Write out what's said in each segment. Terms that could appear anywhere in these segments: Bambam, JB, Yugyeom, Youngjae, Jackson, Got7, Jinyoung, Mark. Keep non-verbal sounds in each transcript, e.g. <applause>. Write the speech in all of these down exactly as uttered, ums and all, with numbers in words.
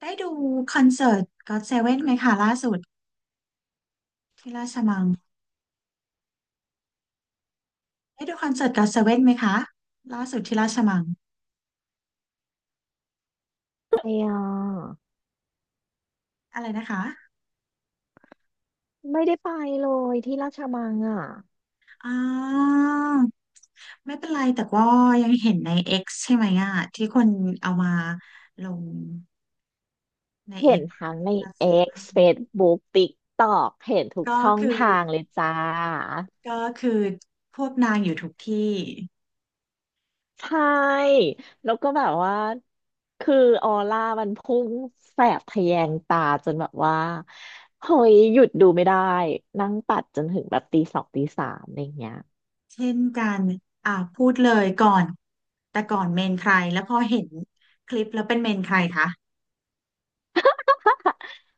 ได้ดูคอนเสิร์ตก็อตเซเว่นไหมคะล่าสุดที่ราชมังได้ดูคอนเสิร์ตก็อตเซเว่นไหมคะล่าสุดที่ราชมังไปอ่อะไรนะคะยไม่ได้ไปเลยที่ราชมังอ่ะอ่าไม่เป็นไรแต่ว่ายังเห็นใน X ใช่ไหมอ่ะที่คนเอามาลงใน เห็น X ทั้งใน ก็อตเซ X เว่น Facebook TikTok เห็นทุกก็ช่องคือทางเลยจ้าก็คือพวกนางอยู่ทุกที่ใช่แล้วก็แบบว่าคือออร่ามันพุ่งแสบทะแยงตาจนแบบว่าเฮ้ยหยุดดูไม่ได้นั่งปัดจนถึงแบบตีสองตีสามอะไรอย่างเงี้ย เช่นกันอ่าพูดเลยก่อนแต่ก่อนเมนใครแล้วพอเห็นคลิปแล้วเป็นเมนใครคะ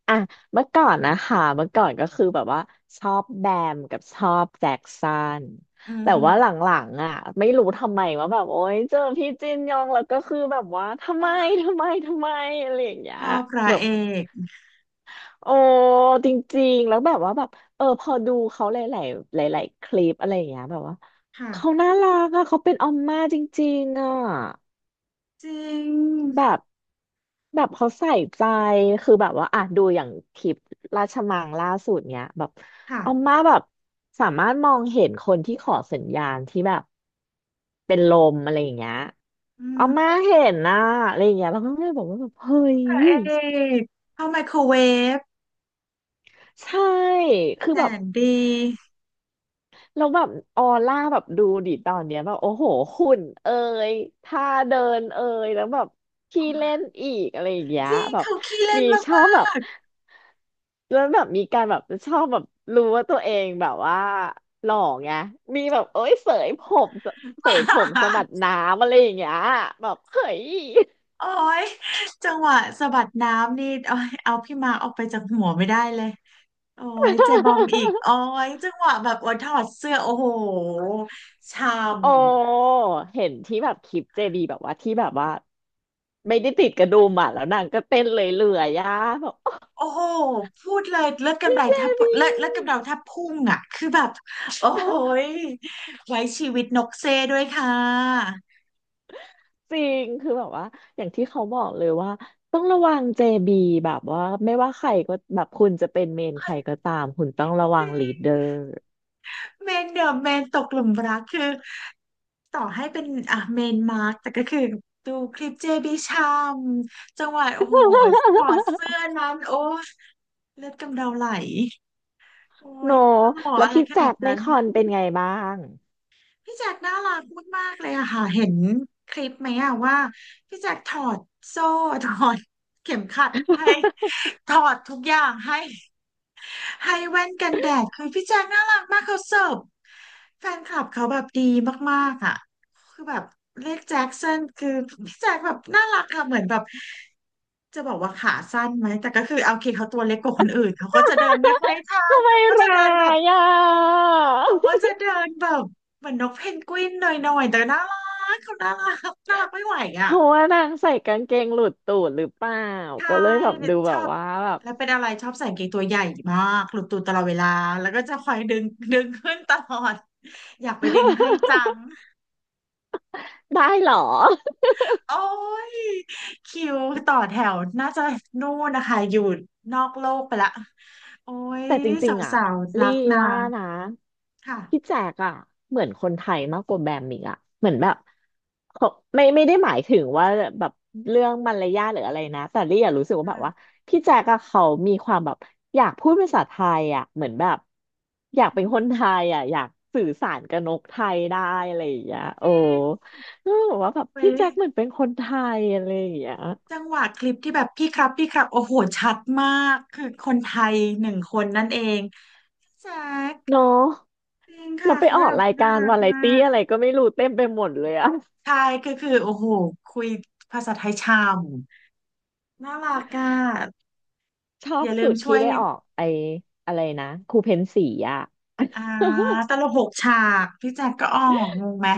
อ่ะเมื่อก่อนนะคะเมื่อก่อนก็คือแบบว่าชอบแบมกับชอบแจ็คสันอือแต่ฮึ ว่าหลังๆอ่ะไม่รู้ทำไมว่าแบบโอ๊ยเจอพี่จินยองแล้วก็คือแบบว่าทำไม <laughs> ทำไมทำไมอะไรอย่างเงี้ยชอบพระแบบเอกโอ้จริงๆแล้วแบบว่าแบบเออพอดูเขาหลายๆหลายๆคลิปอะไรอย่างเงี้ยแบบว่าเขาค่ะน่ารักอ่ะเขาเป็นออมม่าจริงๆอ่ะ จริงแบบแบบเขาใส่ใจคือแบบว่าอ่ะดูอย่างคลิปราชมังล่าสุดเนี้ยแบบอาค่ะม่าแบบสามารถมองเห็นคนที่ขอสัญญาณที่แบบเป็นลมอะไรอย่างเงี้ยอือามม่าเห็นนะอะไรอย่างเงี้ยเราก็เลยบอกว่าแบบเฮ้ยพระเอกเข้าไมโครเวฟใช่คือแสแบบ นดีแล้วแบบออร่าแบบดูดิตอนเนี้ยแบบโอ้โหหุ่นเอ่ยท่าเดินเอ่ยแล้วแบบขี้เล่นอีกอะไรอย่างเงี้ยจริงแบบเขาขี้เล่มีนมาชอบแบบกแล้วแบบมีการแบบชอบแบบรู้ว่าตัวเองแบบว่าหล่อไงมีแบบเอ้ยเสยผมๆ เสยผมสะบัด <laughs> น้ำอะไรอย่างเงี้ยแบบเฮ้ย โอ้ยจังหวะสะบัดน้ำนี่โอ้ยเอาพี่มาร์คออกไปจากหัวไม่ได้เลยโอ้ยเจบอมอีก <laughs> โอ้ยจังหวะแบบโอ้ยถอดเสื้อโอ้โหช่ำ โอ้เห็นที่แบบคลิปเจบีแบบว่าที่แบบว่าไม่ได้ติดกระดุมอ่ะแล้วนางก็เต้นเลยเลื่อยๆอ่ะแบบ โอ้โหพูดเลยเลิอดกำพี่ไดเจแทบบีเลิอดเลืดกำเดาแทบพุ่งอ่ะคือแบบโอ้ยไว้ชีวิตนกเซด้วยค่ะจริงคือแบบว่าอย่างที่เขาบอกเลยว่าต้องระวังเจบีแบบว่าไม่ว่าใครก็แบบคุณจะเป็นเมนใครก็ตามคุณต้องระจวังริลีงดเดอร์ <laughs> เมนเดอะเมนตกหลุมรักคือต่อให้เป็นอ่ะเมนมาร์กแต่ก็คือดูคลิปเจบิชามจังหวะโอ้โหถอดเสื้อนั้นโอ้ยเลือดกำเดาไหลโอ้โนยหล่อแล้วอะไรพี่ขแจ็นาดคในนั้น คอนเป็นไงบ้างพี่แจ็คน่ารักมากๆเลยอะค่ะเห็นคลิปไหมอะว่าพี่แจ็คถอดโซ่ถอดเข็มขัดให้ถอดทุกอย่างให้ให้แว่นกันแดดคือพี่แจ็คน่ารักมากเขาเสิร์ฟแฟนคลับเขาแบบดีมากๆอะคือแบบเรียกแจ็คสันคือพี่แจ็คแบบน่ารักค่ะเหมือนแบบจะบอกว่าขาสั้นไหมแต่ก็คือเอาโอเคเขาตัวเล็กกว่าคนอื่นเขาก็จะเดินไม่ค่อยทันทำไมเขาก็จะร้าเดินแบบ ยอ่ะ เขาก็จะเดินแบบเหมือนนกเพนกวินหน่อยๆแต่น่ารักเขาน่ารักน่ารักไม่ไหว <laughs> เพอ่ะราะว่านางใส่กางเกงหลุดตูดหรือเปล่าใช่ก็เลยแบบดูชแบอบบว่าแบบ แล้วเป็นอะไรชอบใส่กางเกงตัวใหญ่มากหลุดตูดตลอดเวลาแล้วก็จะคอยดึงดึงขึ้นตลอดอยากไปดึงให้จั <laughs> งได้เหรอ โอ้ยคิวต่อแถวน่าจะนู่นนะคะอยู่นอกโลกไปละโอ้ยแต่จริงๆอ่ะสาวๆรัลี่กนาว่างนะค่ะพี่แจกอ่ะเหมือนคนไทยมากกว่าแบมอีกอ่ะเหมือนแบบเขาไม่ไม่ได้หมายถึงว่าแบบเรื่องมารยาทหรืออะไรนะแต่ลี่อะรู้สึกว่าแบบว่าค่ะพี่แจกอะเขามีความแบบอยากพูดภาษาไทยอ่ะเหมือนแบบอยากอืเป็นคนไทมยอ่ะอยากสื่อสารกับนกไทยได้อะไรอย่างเงี้ยจโอ้ริงก็บอกว่าแบบเว้พี่ย แจ็คเหมือนเป็นคนไทยอะไรอย่างเงี้ยจังหวะคลิปที่แบบพี่ครับพี่ครับโอ้โหชัดมากคือคนไทยหนึ่งคนนั่นเองแซกเนาะจริงเราค่ะไปเขาอแบอกบรายน่าการรักวาไรมาตี้กอะไรก็ไม่รู้เต็มไปหมดเลยอะ ใช่คือคือโอ้โหคุยภาษาไทยชามน่ารักอ่ะชออบย่าลืสุมดช่ที่วยไปออกไออะไรนะครูเพนสีอ่ะ อ่า <laughs> ตลกหกฉากพี่แจ็คก็ออกงงไหม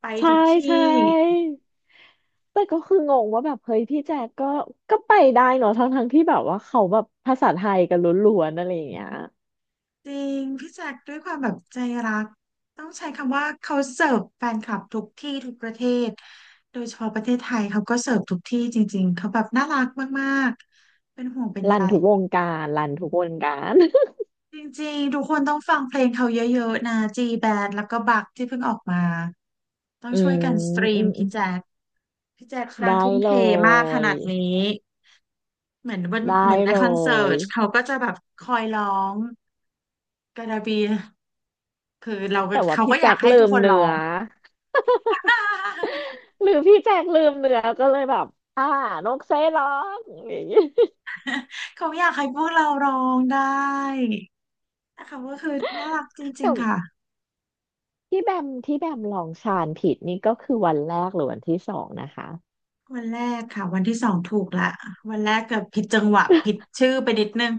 ไปใช่ทุกที่ ใช่แต่ก็คืองงว่าแบบเฮ้ยพี่แจ๊กก็ก็ไปได้เนอะทั้งทั้งที่แบบว่าเขาแบบภาษาไทยกันล้วนๆอะไรอย่างเงี้ยจริงพี่แจ็คด้วยความแบบใจรักต้องใช้คำว่าเขาเสิร์ฟแฟนคลับทุกที่ทุกประเทศโดยเฉพาะประเทศไทยเขาก็เสิร์ฟทุกที่จริงๆเขาแบบน่ารักมากๆเป็นห่วงเป็นใยรันทุกวงการรันทุกวงการ <laughs> จริงๆทุกคนต้องฟังเพลงเขาเยอะๆนะจีแบนด์แล้วก็บักที่เพิ่งออกมาต้องอืช่มวยกันสตรีอืมมอืพี่มแจ็คพี่แจ็คนาได้งทุ่มเลเทมากขยนาดนี้เหมือนวันได้เหมือนในเลคอนเสิยร์ตเขาก็จะแบบคอยร้องกระดาบี คือเราก็แต่ว่าเขาพี่ก็อแจ็ยากคให้ลืทุกมคนร้เนื้ออ ง <laughs> <laughs> หรือพี่แจ็คลืมเนื้อก็เลยแบบอ่านกเซร้องอย่างงี้ <laughs> เขาอยากให้พวกเราร้องได้นะคะก็คือน่ารักจริแต่ งๆค่ะที่แบมที่แบมลองชานผิดนี่ก็คือวันแรกหรือวันที่สองนะคะ วันแรกค่ะวันที่สองถูกละวันแรกเกือบผิดจังหวะผิดชื่อไปนิดนึง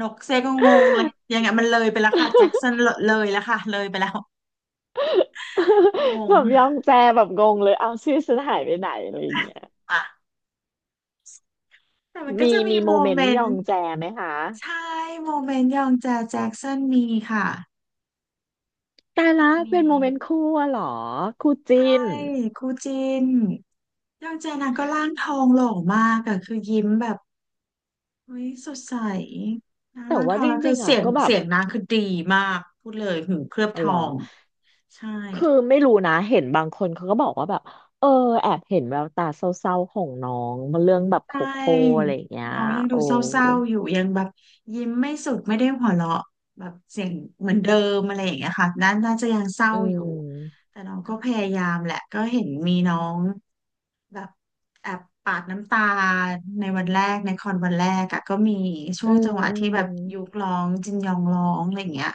นกเซก็งงเลยยังไงมันเลยไปแล้วค่ะแจ็คสันเลยแล้วค่ะเลยไปแล้วง <laughs> งแบบยองแจแบบงงเลยเอาชื่อฉันหายไปไหนอะไรอย่างเงี้ยอ่ะแต่มันก็มีจะมีมีโมโมเมนเมต์นยอต์งแจไหมคะใช่โมเมนต์ยองแจแจ็คสันมีค่ะแต่ละมี เป็นโมเมนต์คู่อะเหรอคู่จิ้ใชน่ครูจินยองเจนะก็ร่างทองหล่อมากอะคือยิ้มแบบเฮ้ยสดใสนะแต่ร่างทว่าองจแล้วคืริองๆอ่ะเสียงก็แบบเสียงนางคือดีมากพูดเลยหูเคลือบอ๋อทเหรอองใช่คือไม่รู้นะเห็นบางคนเขาก็บอกว่าแบบเออแอบเห็นแววตาเศร้าๆของน้องเรื่องแบบใชโคโค่อะ่ไรอย่างเงี้ยน้องยังดูโอ้เศร้าๆอยู่ยังแบบยิ้มไม่สุดไม่ได้หัวเราะแบบเสียงเหมือนเดิมอะไรอย่างเงี้ยค่ะน่าน่าจะยังเศร้าอือยู่มแต่น้องก็พยายามแหละก็เห็นมีน้อง แบบแอบปาดน้ำตาในวันแรกในคอนวันแรกอะก็มีช่อืวงมจังหวะอืที่ม แบบยุกร้องจินยองร้องอะไรอย่างเงี้ย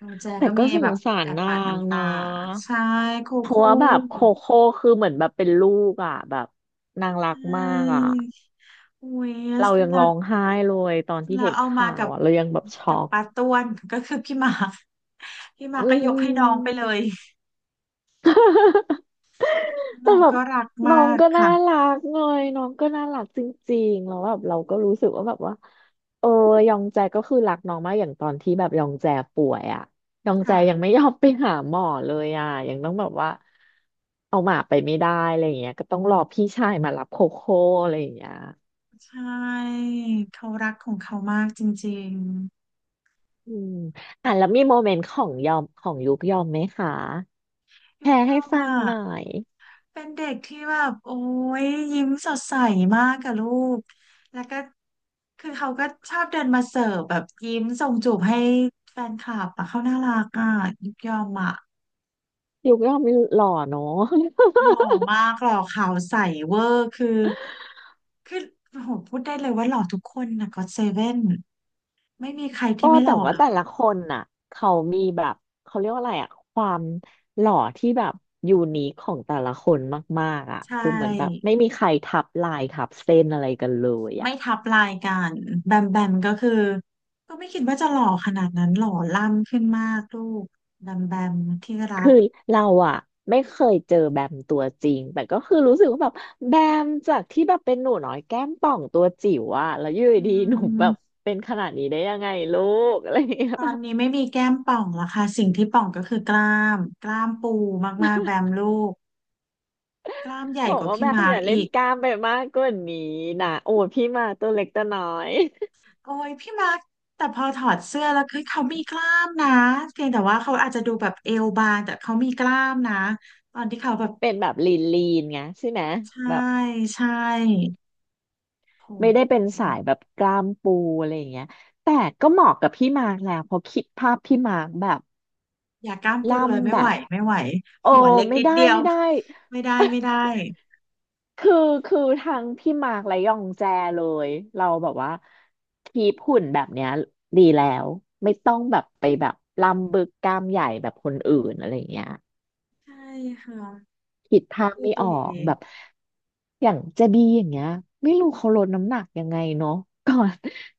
น้องแจแต่ก็ก็มีสแบงบสารแอบนาปาดงน้ำนตาะใช่คู่เพราะคู่ว่าแบบโคโค่คือเหมือนแบบเป็นลูกอ่ะแบบนางรัใชกมากอ่ะ่อุ้ยเรายังแล้ร้วองไห้เลยตอนที่เราเห็นเอามาข่าวกับอ่ะเรายังแบบช็กัอบกปาต้วนก็คือพี่หมา <laughs> กพี่หมากอืก็ยกให้น้องไปเลยม <laughs> แต่น้องแบบก็รักน้อมางกก็น่าค่ะรักไงน้องก็น่ารักจริงๆแล้วแบบเราก็รู้สึกว่าแบบว่าเออยองแจก็คือรักน้องมากอย่างตอนที่แบบยองแจป่วยอ่ะยองแจยังค่ะไม่ยอมไปหาหมอเลยอ่ะยังต้องแบบว่าเอาหมาไปไม่ได้อะไรอย่างเงี้ยก็ต้องรอพี่ชายมารับโคโค่อะไรอย่างเงี้ยใช่เขารักของเขามากจริงอืมอ่ะแล้วมีโมเมนต์ของยอมของยุกยอมไหมคะๆแชยุกร์ยให้อมฟังอ่ะ หน่อยเป็นเด็กที่แบบโอ้ยยิ้มสดใสมากกับลูก แล้วก็คือเขาก็ชอบเดินมาเสิร์ฟแบบยิ้มส่งจูบให้แฟนคลับอะเขาน่ารักอ่ะยิบยอมอ่ะยุกยอมหล่อเนาะ หล่อมากหล่อขาวใสเวอร์คือคือโอ้โหพูดได้เลยว่าหล่อทุกคนนะก็อตเซเว่นไม่มีใครโอ้ที่ไม่หแต่ล่อว่าเลแต่ยละคนน่ะเขามีแบบเขาเรียกว่าอะไรอะความหล่อที่แบบยูนิคของแต่ละคนมากๆอะใชคือเหมือนแบบ่ไม่มีใครทับลายทับเส้นอะไรกันเลยอะไม่ทับลายกันแบมแบมก็คือก็ไม่คิดว่าจะหล่อขนาดนั้นหล่อล่ำขึ้นมากลูกแบมแบมที่รัคืก อเราอะไม่เคยเจอแบมตัวจริงแต่ก็คือรู้สึกว่าแบบแบมจากที่แบบเป็นหนูน้อยแก้มป่องตัวจิ๋วอะแล้วอยู่อืดีๆหนูแบบมเป็นขนาดนี้ได้ยังไงลูกอะไรอย่างเงี้ยตอนนี้ไม่มีแก้มป่องแล้วค่ะสิ่งที่ป่องก็คือกล้ามกล้ามปูมากๆแบมลูกกล้ามใหญ่บอกกว่าว่าแบพี่มมาร์อกย่าเล่อีนกกล้ามไปมากกว่านี้นะโอ้ยพี่มาตัวเล็กตัวน้อย โอ้ยพี่มาร์กแต่พอถอดเสื้อแล้วคือเขามีกล้ามนะเพียงแต่ว่าเขาอาจจะดูแบบเอวบางแต่เขามีกล้ามนะตอนที่เขาแบบเป็นแบบลีนลีนไงใช่ไหมใช่แบบใช่โหไม่ได้เป็นสายแบบกล้ามปูอะไรอย่างเงี้ยแต่ก็เหมาะกับพี่มาร์กแหละเพราะคิดภาพพี่มาร์กแบบอย่ากล้ามปูล่เลยำไม่แบไหวบไม่ไหวโอ้หัวเล็กไม่นิดได้เดียวไม่ได้ไม่ได้ไม่ได้คือคือทั้งพี่มาร์กและยองแจเลยเราแบบว่าคีปหุ่นแบบเนี้ยดีแล้วไม่ต้องแบบไปแบบล่ำบึกกล้ามใหญ่แบบคนอื่นอะไรอย่างเงี้ย ใช่ค่ะคิดทางดูไม่อดีอกแบบอย่างเจบีอย่างเงี้ยไม่รู้เขาลดน้ำหนักยังไงเนาะ <laughs> ก่อน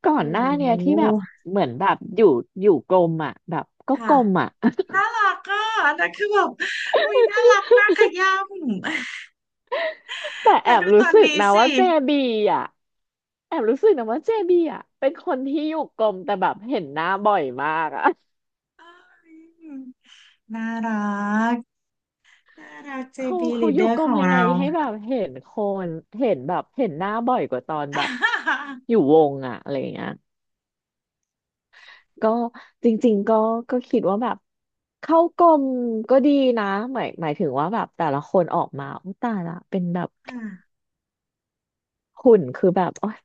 ก่อโอ้นหน้าเนี่ยโหที่แบบเหมือนแบบอยู่อยู่กลมอ่ะแบบก็กค่ะ ลมอ่ะ น่ารักอ่ะอันนั้นคือแบบอุ้ยน่ารักน่าขย้ำ <laughs> แต่ <laughs> แอแล้วบดูตรู้อนสึกนี้นะสิว่าเจบีอ่ะแอบรู้สึกนะว่าเจบีอ่ะเป็นคนที่อยู่กลมแต่แบบเห็นหน้าบ่อยมากอ่ะ <laughs> เอ้ยน่ารัก น่ารักเจ เขา เจ บี เขาอยู่ Leader กรขมองยังไงเรา ให้แบบเห็นคนเห็นแบบเห็นหน้าบ่อยกว่าตอนแบบ <laughs> อยู่วงอะอะไรอย่างเงี้ย ก็จริงๆก็ก็คิดว่าแบบเข้ากลมก็ดีนะหมายหมายถึงว่าแบบแต่ละคนออกมาอุยตายละเป็นแบบอ่ะหุ่นคือแบบโอ๊ย <laughs>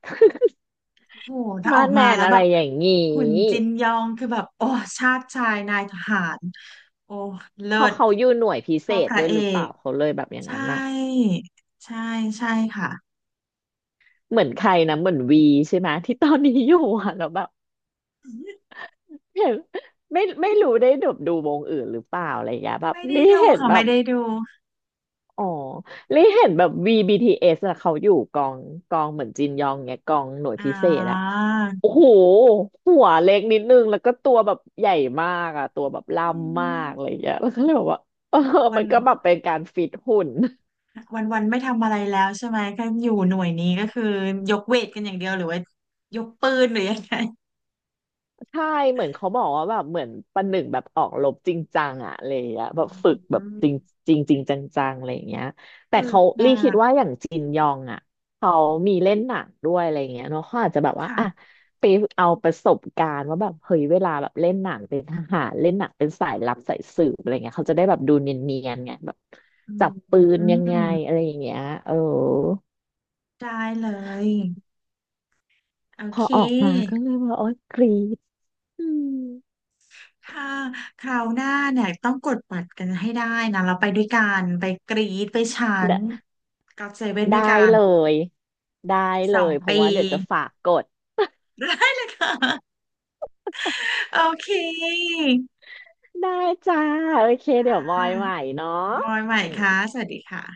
โอ้โหถ้าอมาอกดแมมานแล้วอะแบไรบอย่างงีคุณจิ้นยองคือแบบ โอ้ชาติชายนายทหารโอ้เลิเพอศเขาอยู่หน่วยพิเศเท่าษพระด้วยเอหรือเปล่าก เขาเลยแบบอย่างใช่ นั้นอะใช่ใช่ค่ะ เหมือนใครนะเหมือนวีใช่ไหมที่ตอนนี้อยู่อะแล้วแบบ <laughs> เห็นไม่ไม่รู้ได้ดบดูวงอื่นหรือเปล่าอะไรอย่างเงี้ยแบบไม่ได้รีดูเห็นค่ะแบไม่บ ได้ดู อ๋อลี่เห็นแบบ วี บี ที เอส อสอะเขาอยู่กองกองเหมือนจินยองเนี่ยกองหน่วยอ่พิเศษอะาโอ้โหหัวเล็กนิดนึงแล้วก็ตัวแบบใหญ่มากอะตัวแบบล่อืำมามกอะไรอย่างเงี้ยแล้วก็เลยบอกว่าเออวัมัน นก็แบบเป็นการฟิตหุ่น วันวันไม่ทำอะไรแล้วใช่ไหมก็อยู่หน่วยนี้ก็คือยกเวทกันอย่างเดียวหรือว่ายกปืนหรือยังไงใช่เหมือนเขาบอกว่าแบบเหมือนประหนึ่งแบบออกรบจริงจังอะอะไรอย่างเงี้ยแบบฝึกแบอืบจริงมจริงจริงจังๆอะไรอย่างเงี้ยแต่ฝึเขากหนัลี่คิดกว่าอย่างจินยองอะเขามีเล่นหนังด้วยอะไรอย่างเงี้ยเนาะเขาอาจจะแบบว่าอะค่ะไปเอาประสบการณ์ว่าแบบเฮ้ยเวลาแบบเล่นหนังเป็นทหารเล่นหนังเป็นสายลับสายสืบอะไรเงี้ยเขาจะได้แบบดูเนียนๆไงแบบอืจับปืนมยังไงอะไรอย่างเงี้ยเออได้เลยโอพอเคออกมาก็เลยว่าโอ๊ยกรี๊ดอืม ถ้าคราวหน้าเนี่ยต้องกดบัตรกันให้ได้นะเราไปด้วยกันไปกรีดไปชั้นก็อตเซเว่นด้ได้วยกันเลยได้อีกสเลองยเพปีราะว่าเดี๋ยวจะฝากกดได้เลยค่ะโอเคได้จ้าโอเคเดี๋ยวมอยใหม่อ่ะเนาะมอยใหม่ค่ะสวัสดีค่ะ